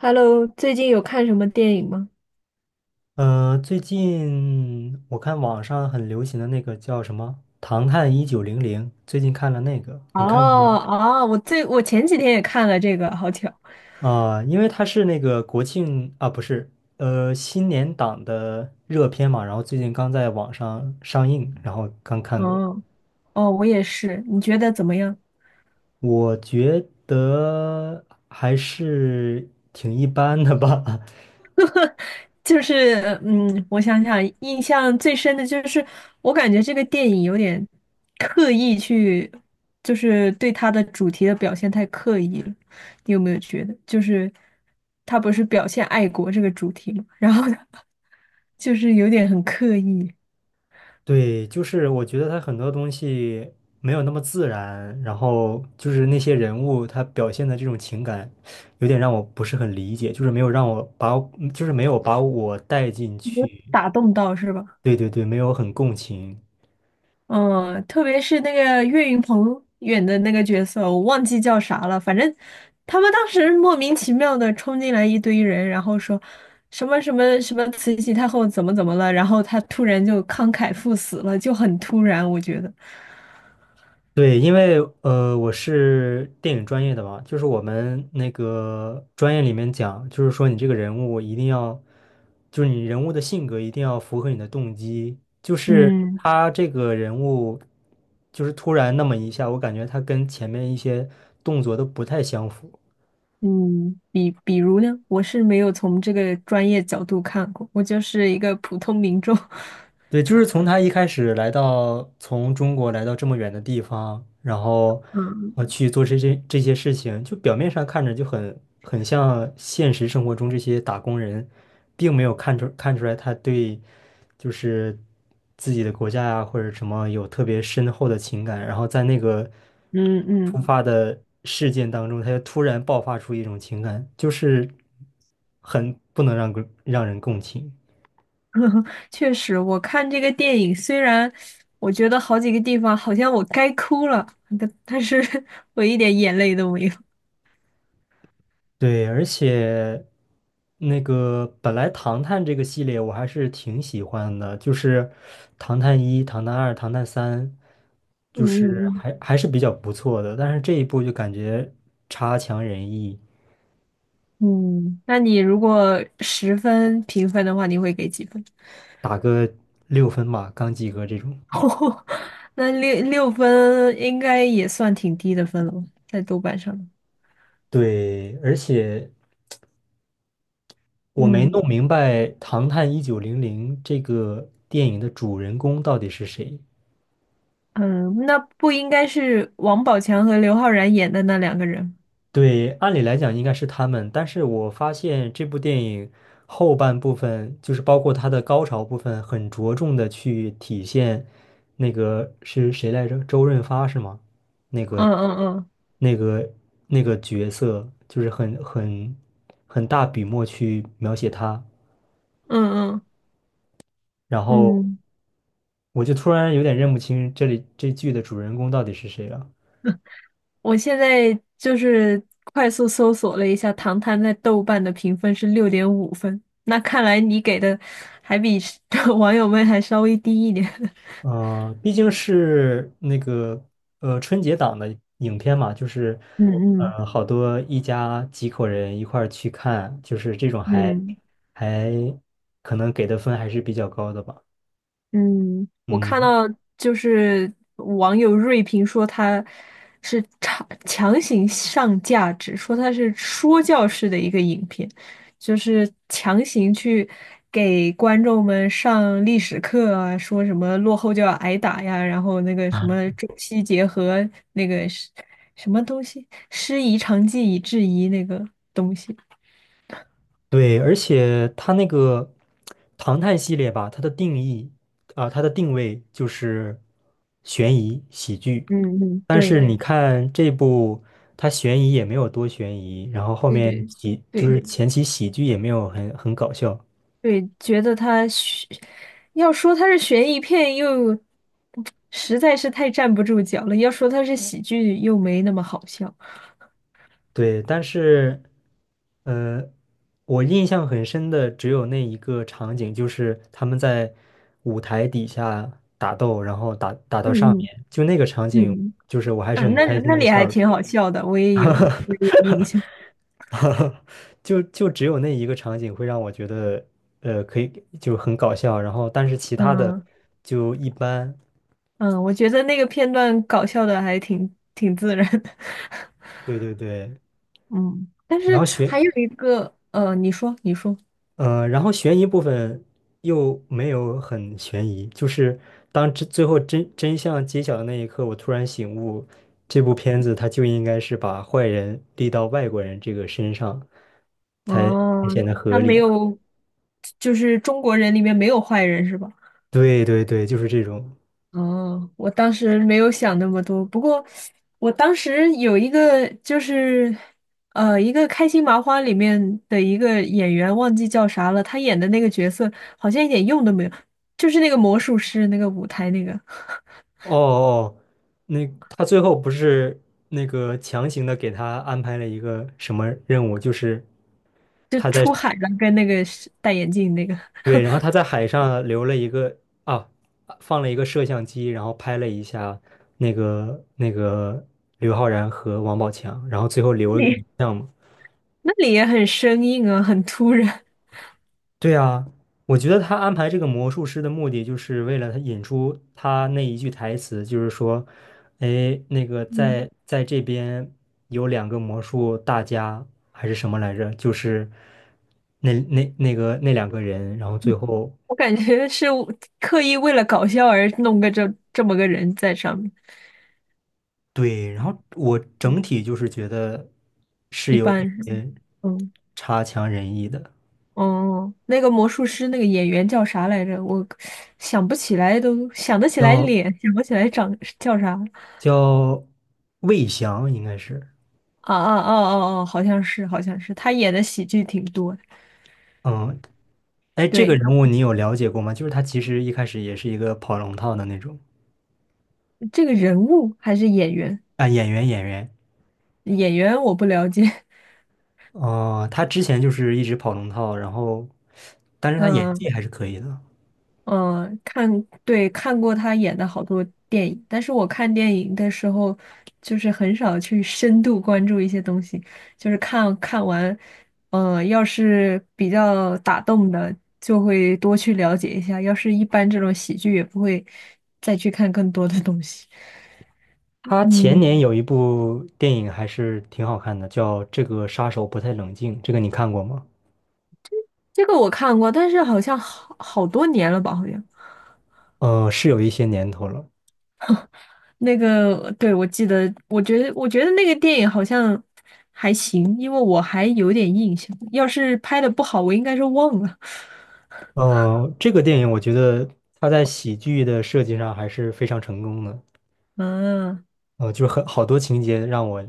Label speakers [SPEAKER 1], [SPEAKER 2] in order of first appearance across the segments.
[SPEAKER 1] Hello，最近有看什么电影吗？
[SPEAKER 2] 最近我看网上很流行的那个叫什么《唐探一九零零》，最近看了那个，
[SPEAKER 1] 哦
[SPEAKER 2] 你看过吗？
[SPEAKER 1] 哦，我前几天也看了这个，好巧。
[SPEAKER 2] 因为它是那个国庆啊，不是，新年档的热片嘛，然后最近刚在网上上映，然后刚看过，
[SPEAKER 1] 哦哦，我也是。你觉得怎么样？
[SPEAKER 2] 我觉得还是挺一般的吧。
[SPEAKER 1] 就是我想想，印象最深的就是我感觉这个电影有点刻意去，就是对它的主题的表现太刻意了。你有没有觉得，就是他不是表现爱国这个主题嘛，然后 就是有点很刻意，
[SPEAKER 2] 对，就是我觉得他很多东西没有那么自然，然后就是那些人物他表现的这种情感，有点让我不是很理解，就是没有让我把我就是没有把我带进
[SPEAKER 1] 没有
[SPEAKER 2] 去。
[SPEAKER 1] 打动到是吧？
[SPEAKER 2] 对对对，没有很共情。
[SPEAKER 1] 嗯，特别是那个岳云鹏演的那个角色，我忘记叫啥了。反正他们当时莫名其妙的冲进来一堆人，然后说什么什么什么慈禧太后怎么怎么了，然后他突然就慷慨赴死了，就很突然，我觉得。
[SPEAKER 2] 对，因为我是电影专业的嘛，就是我们那个专业里面讲，就是说你这个人物一定要，就是你人物的性格一定要符合你的动机。就是
[SPEAKER 1] 嗯
[SPEAKER 2] 他这个人物，就是突然那么一下，我感觉他跟前面一些动作都不太相符。
[SPEAKER 1] 嗯，比如呢，我是没有从这个专业角度看过，我就是一个普通民众。
[SPEAKER 2] 对，就是从他一开始来到从中国来到这么远的地方，然后
[SPEAKER 1] 嗯
[SPEAKER 2] 去做这些事情，就表面上看着就很像现实生活中这些打工人，并没有看出看出来他对就是自己的国家呀、或者什么有特别深厚的情感，然后在那个
[SPEAKER 1] 嗯
[SPEAKER 2] 突
[SPEAKER 1] 嗯。
[SPEAKER 2] 发的事件当中，他就突然爆发出一种情感，就是很不能让人共情。
[SPEAKER 1] 确实，我看这个电影，虽然我觉得好几个地方好像我该哭了，但是 我一点眼泪都没有。
[SPEAKER 2] 对，而且那个本来《唐探》这个系列我还是挺喜欢的，就是《唐探一》《唐探二》《唐探三》，就
[SPEAKER 1] 嗯
[SPEAKER 2] 是
[SPEAKER 1] 嗯
[SPEAKER 2] 还是比较不错的。但是这一部就感觉差强人意，
[SPEAKER 1] 嗯，嗯，那你如果十分评分的话，你会给几分？
[SPEAKER 2] 打个6分吧，刚及格这种。
[SPEAKER 1] 哦，那六分应该也算挺低的分了吧，在豆瓣上。
[SPEAKER 2] 对，而且我没
[SPEAKER 1] 嗯
[SPEAKER 2] 弄明白《唐探一九零零》这个电影的主人公到底是谁。
[SPEAKER 1] 嗯，嗯，那不应该是王宝强和刘昊然演的那两个人？
[SPEAKER 2] 对，按理来讲应该是他们，但是我发现这部电影后半部分，就是包括它的高潮部分，很着重的去体现那个是谁来着？周润发是吗？那个、
[SPEAKER 1] 嗯嗯嗯
[SPEAKER 2] 那个、那个角色，就是很大笔墨去描写他，
[SPEAKER 1] 嗯嗯。
[SPEAKER 2] 然后
[SPEAKER 1] 嗯
[SPEAKER 2] 我就突然有点认不清这里这剧的主人公到底是谁了。
[SPEAKER 1] 我现在就是快速搜索了一下，《唐探》在豆瓣的评分是六点五分。那看来你给的还比 网友们还稍微低一点。
[SPEAKER 2] 嗯，毕竟是那个春节档的影片嘛，就是
[SPEAKER 1] 嗯
[SPEAKER 2] 好多一家几口人一块儿去看，就是这种还
[SPEAKER 1] 嗯嗯，
[SPEAKER 2] 还可能给的分还是比较高的吧。
[SPEAKER 1] 嗯，我看
[SPEAKER 2] 嗯。
[SPEAKER 1] 到就是网友锐评说他是强行上价值，说他是说教式的一个影片，就是强行去给观众们上历史课啊，说什么落后就要挨打呀，然后那个什 么中西结合那个是什么东西，师夷长技以制夷那个东西。
[SPEAKER 2] 对，而且它那个唐探系列吧，它的定位就是悬疑喜剧。
[SPEAKER 1] 嗯嗯，
[SPEAKER 2] 但是
[SPEAKER 1] 对
[SPEAKER 2] 你看这部，它悬疑也没有多悬疑，然后后
[SPEAKER 1] 对
[SPEAKER 2] 面
[SPEAKER 1] 对
[SPEAKER 2] 就是
[SPEAKER 1] 对。
[SPEAKER 2] 前期喜剧也没有很搞笑。
[SPEAKER 1] 对，觉得他悬，要说他是悬疑片，又实在是太站不住脚了；要说他是喜剧，又没那么好笑。
[SPEAKER 2] 对，但是呃，我印象很深的只有那一个场景，就是他们在舞台底下打斗，然后打到上
[SPEAKER 1] 嗯嗯
[SPEAKER 2] 面，就那个场景，
[SPEAKER 1] 嗯，
[SPEAKER 2] 就是我还是
[SPEAKER 1] 嗯，
[SPEAKER 2] 很
[SPEAKER 1] 那
[SPEAKER 2] 开
[SPEAKER 1] 那
[SPEAKER 2] 心的
[SPEAKER 1] 里还
[SPEAKER 2] 笑的。
[SPEAKER 1] 挺好笑的，我也有我 也有印象。
[SPEAKER 2] 哈哈，就只有那一个场景会让我觉得，可以就很搞笑，然后但是其他的
[SPEAKER 1] 嗯
[SPEAKER 2] 就一般。
[SPEAKER 1] 嗯，我觉得那个片段搞笑的还挺自然的。
[SPEAKER 2] 对对对，
[SPEAKER 1] 嗯，但
[SPEAKER 2] 然
[SPEAKER 1] 是
[SPEAKER 2] 后悬，
[SPEAKER 1] 还有一个，你说你说，
[SPEAKER 2] 呃，然后悬疑部分又没有很悬疑，就是当真最后真相揭晓的那一刻，我突然醒悟，这部片子它就应该是把坏人立到外国人这个身上，才
[SPEAKER 1] 哦，
[SPEAKER 2] 显得
[SPEAKER 1] 他
[SPEAKER 2] 合
[SPEAKER 1] 没
[SPEAKER 2] 理。
[SPEAKER 1] 有，就是中国人里面没有坏人是吧？
[SPEAKER 2] 对对对，就是这种。
[SPEAKER 1] 哦，我当时没有想那么多，不过我当时有一个就是，一个开心麻花里面的一个演员忘记叫啥了，他演的那个角色好像一点用都没有，就是那个魔术师那个舞台那个，
[SPEAKER 2] 哦哦，那他最后不是那个强行的给他安排了一个什么任务？就是
[SPEAKER 1] 就出海了跟那个是戴眼镜那个，
[SPEAKER 2] 对，然后他在海上留了一个啊，放了一个摄像机，然后拍了一下那个刘昊然和王宝强，然后最后
[SPEAKER 1] 那
[SPEAKER 2] 留了个影
[SPEAKER 1] 里
[SPEAKER 2] 像嘛。
[SPEAKER 1] 那里也很生硬啊，很突然，
[SPEAKER 2] 对啊，我觉得他安排这个魔术师的目的，就是为了他引出他那一句台词，就是说，哎，那个
[SPEAKER 1] 嗯，
[SPEAKER 2] 在这边有两个魔术大家还是什么来着？就是那那两个人，然后最后
[SPEAKER 1] 我感觉是我刻意为了搞笑而弄个这么个人在上面，
[SPEAKER 2] 对，然后我整体就是觉得是
[SPEAKER 1] 一
[SPEAKER 2] 有一
[SPEAKER 1] 般
[SPEAKER 2] 些
[SPEAKER 1] 嗯。
[SPEAKER 2] 差强人意的。
[SPEAKER 1] 哦，那个魔术师那个演员叫啥来着？我想不起来都，想得起来
[SPEAKER 2] 叫
[SPEAKER 1] 脸，想不起来长叫啥。
[SPEAKER 2] 叫魏翔应该是。
[SPEAKER 1] 啊啊哦哦哦，好像是，好像是，他演的喜剧挺多的。
[SPEAKER 2] 嗯，哎，这个
[SPEAKER 1] 对，
[SPEAKER 2] 人物你有了解过吗？就是他其实一开始也是一个跑龙套的那种。
[SPEAKER 1] 这个人物还是演员？
[SPEAKER 2] 啊，演员演员。
[SPEAKER 1] 演员我不了解。
[SPEAKER 2] 哦，他之前就是一直跑龙套，然后，但是他演技
[SPEAKER 1] 嗯
[SPEAKER 2] 还是可以的。
[SPEAKER 1] 嗯，对，看过他演的好多电影，但是我看电影的时候，就是很少去深度关注一些东西，就是看完，要是比较打动的，就会多去了解一下；要是一般这种喜剧，也不会再去看更多的东西。
[SPEAKER 2] 他前
[SPEAKER 1] 嗯，
[SPEAKER 2] 年有一部电影还是挺好看的，叫《这个杀手不太冷静》，这个你看过吗？
[SPEAKER 1] 这个我看过，但是好像好多年了吧，好像。
[SPEAKER 2] 是有一些年头了。
[SPEAKER 1] 那个，对，我记得，我觉得那个电影好像还行，因为我还有点印象。要是拍的不好，我应该是忘了。
[SPEAKER 2] 这个电影我觉得他在喜剧的设计上还是非常成功的。
[SPEAKER 1] 嗯，
[SPEAKER 2] 就是很好多情节让我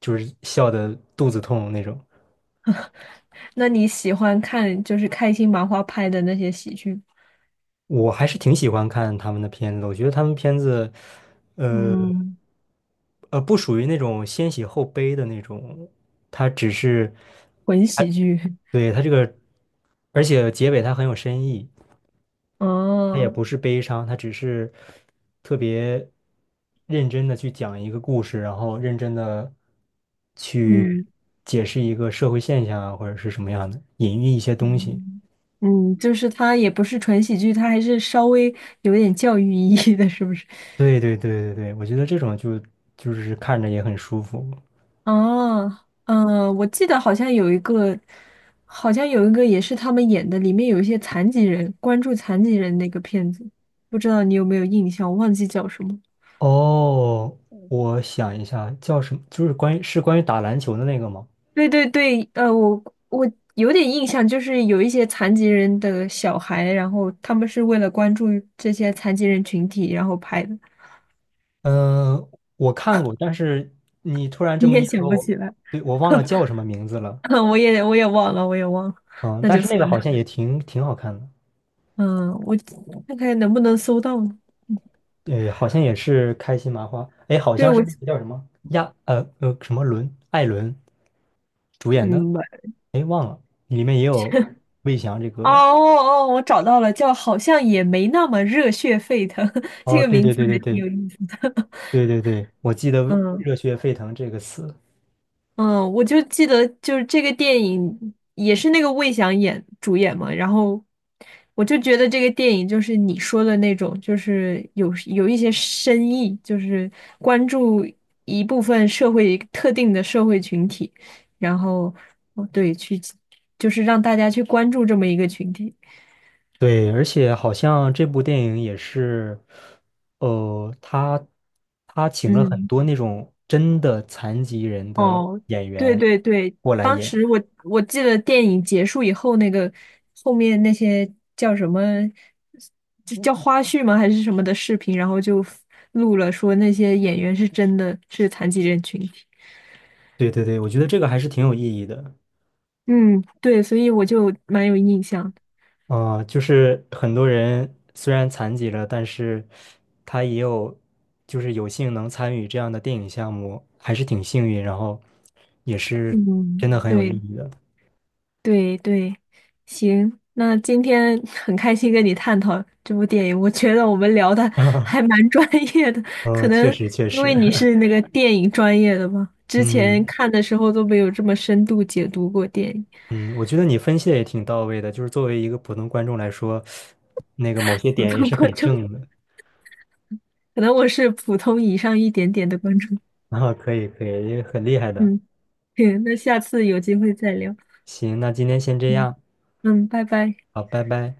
[SPEAKER 2] 就是笑得肚子痛那种。
[SPEAKER 1] 那你喜欢看就是开心麻花拍的那些喜剧，
[SPEAKER 2] 我还是挺喜欢看他们的片子的，我觉得他们片子，呃
[SPEAKER 1] 嗯
[SPEAKER 2] 不属于那种先喜后悲的那种，它只是，
[SPEAKER 1] 混
[SPEAKER 2] 它
[SPEAKER 1] 喜剧？
[SPEAKER 2] 对它这个，而且结尾它很有深意，它也
[SPEAKER 1] 哦，
[SPEAKER 2] 不是悲伤，它只是特别认真的去讲一个故事，然后认真的去
[SPEAKER 1] 嗯
[SPEAKER 2] 解释一个社会现象啊，或者是什么样的，隐喻一些东西。
[SPEAKER 1] 嗯，嗯，就是它也不是纯喜剧，它还是稍微有点教育意义的，是不是？
[SPEAKER 2] 对对对对对，我觉得这种就是看着也很舒服。
[SPEAKER 1] 哦，嗯，我记得好像有一个也是他们演的，里面有一些残疾人，关注残疾人那个片子，不知道你有没有印象，我忘记叫什么。
[SPEAKER 2] 哦，我想一下，叫什么？就是关于打篮球的那个吗？
[SPEAKER 1] 对对对，我有点印象，就是有一些残疾人的小孩，然后他们是为了关注这些残疾人群体，然后拍的。
[SPEAKER 2] 嗯，我看过，但是你突然这
[SPEAKER 1] 你
[SPEAKER 2] 么一
[SPEAKER 1] 也想
[SPEAKER 2] 说，
[SPEAKER 1] 不
[SPEAKER 2] 我
[SPEAKER 1] 起来，
[SPEAKER 2] 对我忘了叫什么名字了。
[SPEAKER 1] 我也忘了，
[SPEAKER 2] 嗯，
[SPEAKER 1] 那
[SPEAKER 2] 但
[SPEAKER 1] 就
[SPEAKER 2] 是那
[SPEAKER 1] 算
[SPEAKER 2] 个
[SPEAKER 1] 了。
[SPEAKER 2] 好像也挺好看的。
[SPEAKER 1] 嗯，我看看能不能搜到呢。嗯，
[SPEAKER 2] 对，好像也是开心麻花，哎，好
[SPEAKER 1] 对，
[SPEAKER 2] 像是那个叫什么伦艾伦主演的，
[SPEAKER 1] 嗯，
[SPEAKER 2] 哎，忘了，里面也有魏翔这
[SPEAKER 1] 哦
[SPEAKER 2] 个。
[SPEAKER 1] 哦，哦我找到了，叫好像也没那么热血沸腾，这
[SPEAKER 2] 哦，
[SPEAKER 1] 个
[SPEAKER 2] 对
[SPEAKER 1] 名
[SPEAKER 2] 对
[SPEAKER 1] 字
[SPEAKER 2] 对对
[SPEAKER 1] 还挺
[SPEAKER 2] 对
[SPEAKER 1] 有意思。
[SPEAKER 2] 对对对，我记得
[SPEAKER 1] 嗯
[SPEAKER 2] 热血沸腾这个词。
[SPEAKER 1] 嗯，我就记得就是这个电影也是那个魏翔主演嘛，然后我就觉得这个电影就是你说的那种，就是有一些深意，就是关注一部分社会特定的社会群体，然后哦对，就是让大家去关注这么一个群体。
[SPEAKER 2] 对，而且好像这部电影也是，呃，他他请了很
[SPEAKER 1] 嗯。
[SPEAKER 2] 多那种真的残疾人的
[SPEAKER 1] 哦，
[SPEAKER 2] 演
[SPEAKER 1] 对
[SPEAKER 2] 员
[SPEAKER 1] 对对，
[SPEAKER 2] 过来
[SPEAKER 1] 当
[SPEAKER 2] 演。
[SPEAKER 1] 时我记得电影结束以后，那个后面那些叫什么，就叫花絮吗？还是什么的视频，然后就录了说那些演员是真的是残疾人群体。
[SPEAKER 2] 对对对，我觉得这个还是挺有意义的。
[SPEAKER 1] 嗯，对，所以我就蛮有印象的。
[SPEAKER 2] 就是很多人虽然残疾了，但是他也有就是有幸能参与这样的电影项目，还是挺幸运，然后也是真
[SPEAKER 1] 嗯，
[SPEAKER 2] 的很有意
[SPEAKER 1] 对，
[SPEAKER 2] 义的。
[SPEAKER 1] 对对，行，那今天 很开心跟你探讨这部电影，我觉得我们聊的 还 蛮专业的，可能
[SPEAKER 2] 确实确
[SPEAKER 1] 因
[SPEAKER 2] 实。
[SPEAKER 1] 为你是那个电影专业的吧，之前
[SPEAKER 2] 嗯。
[SPEAKER 1] 看的时候都没有这么深度解读过电影，
[SPEAKER 2] 嗯，我觉得你分析的也挺到位的，就是作为一个普通观众来说，那个某些
[SPEAKER 1] 普
[SPEAKER 2] 点也
[SPEAKER 1] 通
[SPEAKER 2] 是很
[SPEAKER 1] 观众，
[SPEAKER 2] 正的。
[SPEAKER 1] 可能我是普通以上一点点的观众。
[SPEAKER 2] 啊，可以可以，也很厉害的。
[SPEAKER 1] 嗯，行那下次有机会再聊。
[SPEAKER 2] 行，那今天先这
[SPEAKER 1] 嗯
[SPEAKER 2] 样。
[SPEAKER 1] 嗯，拜拜。
[SPEAKER 2] 好，拜拜。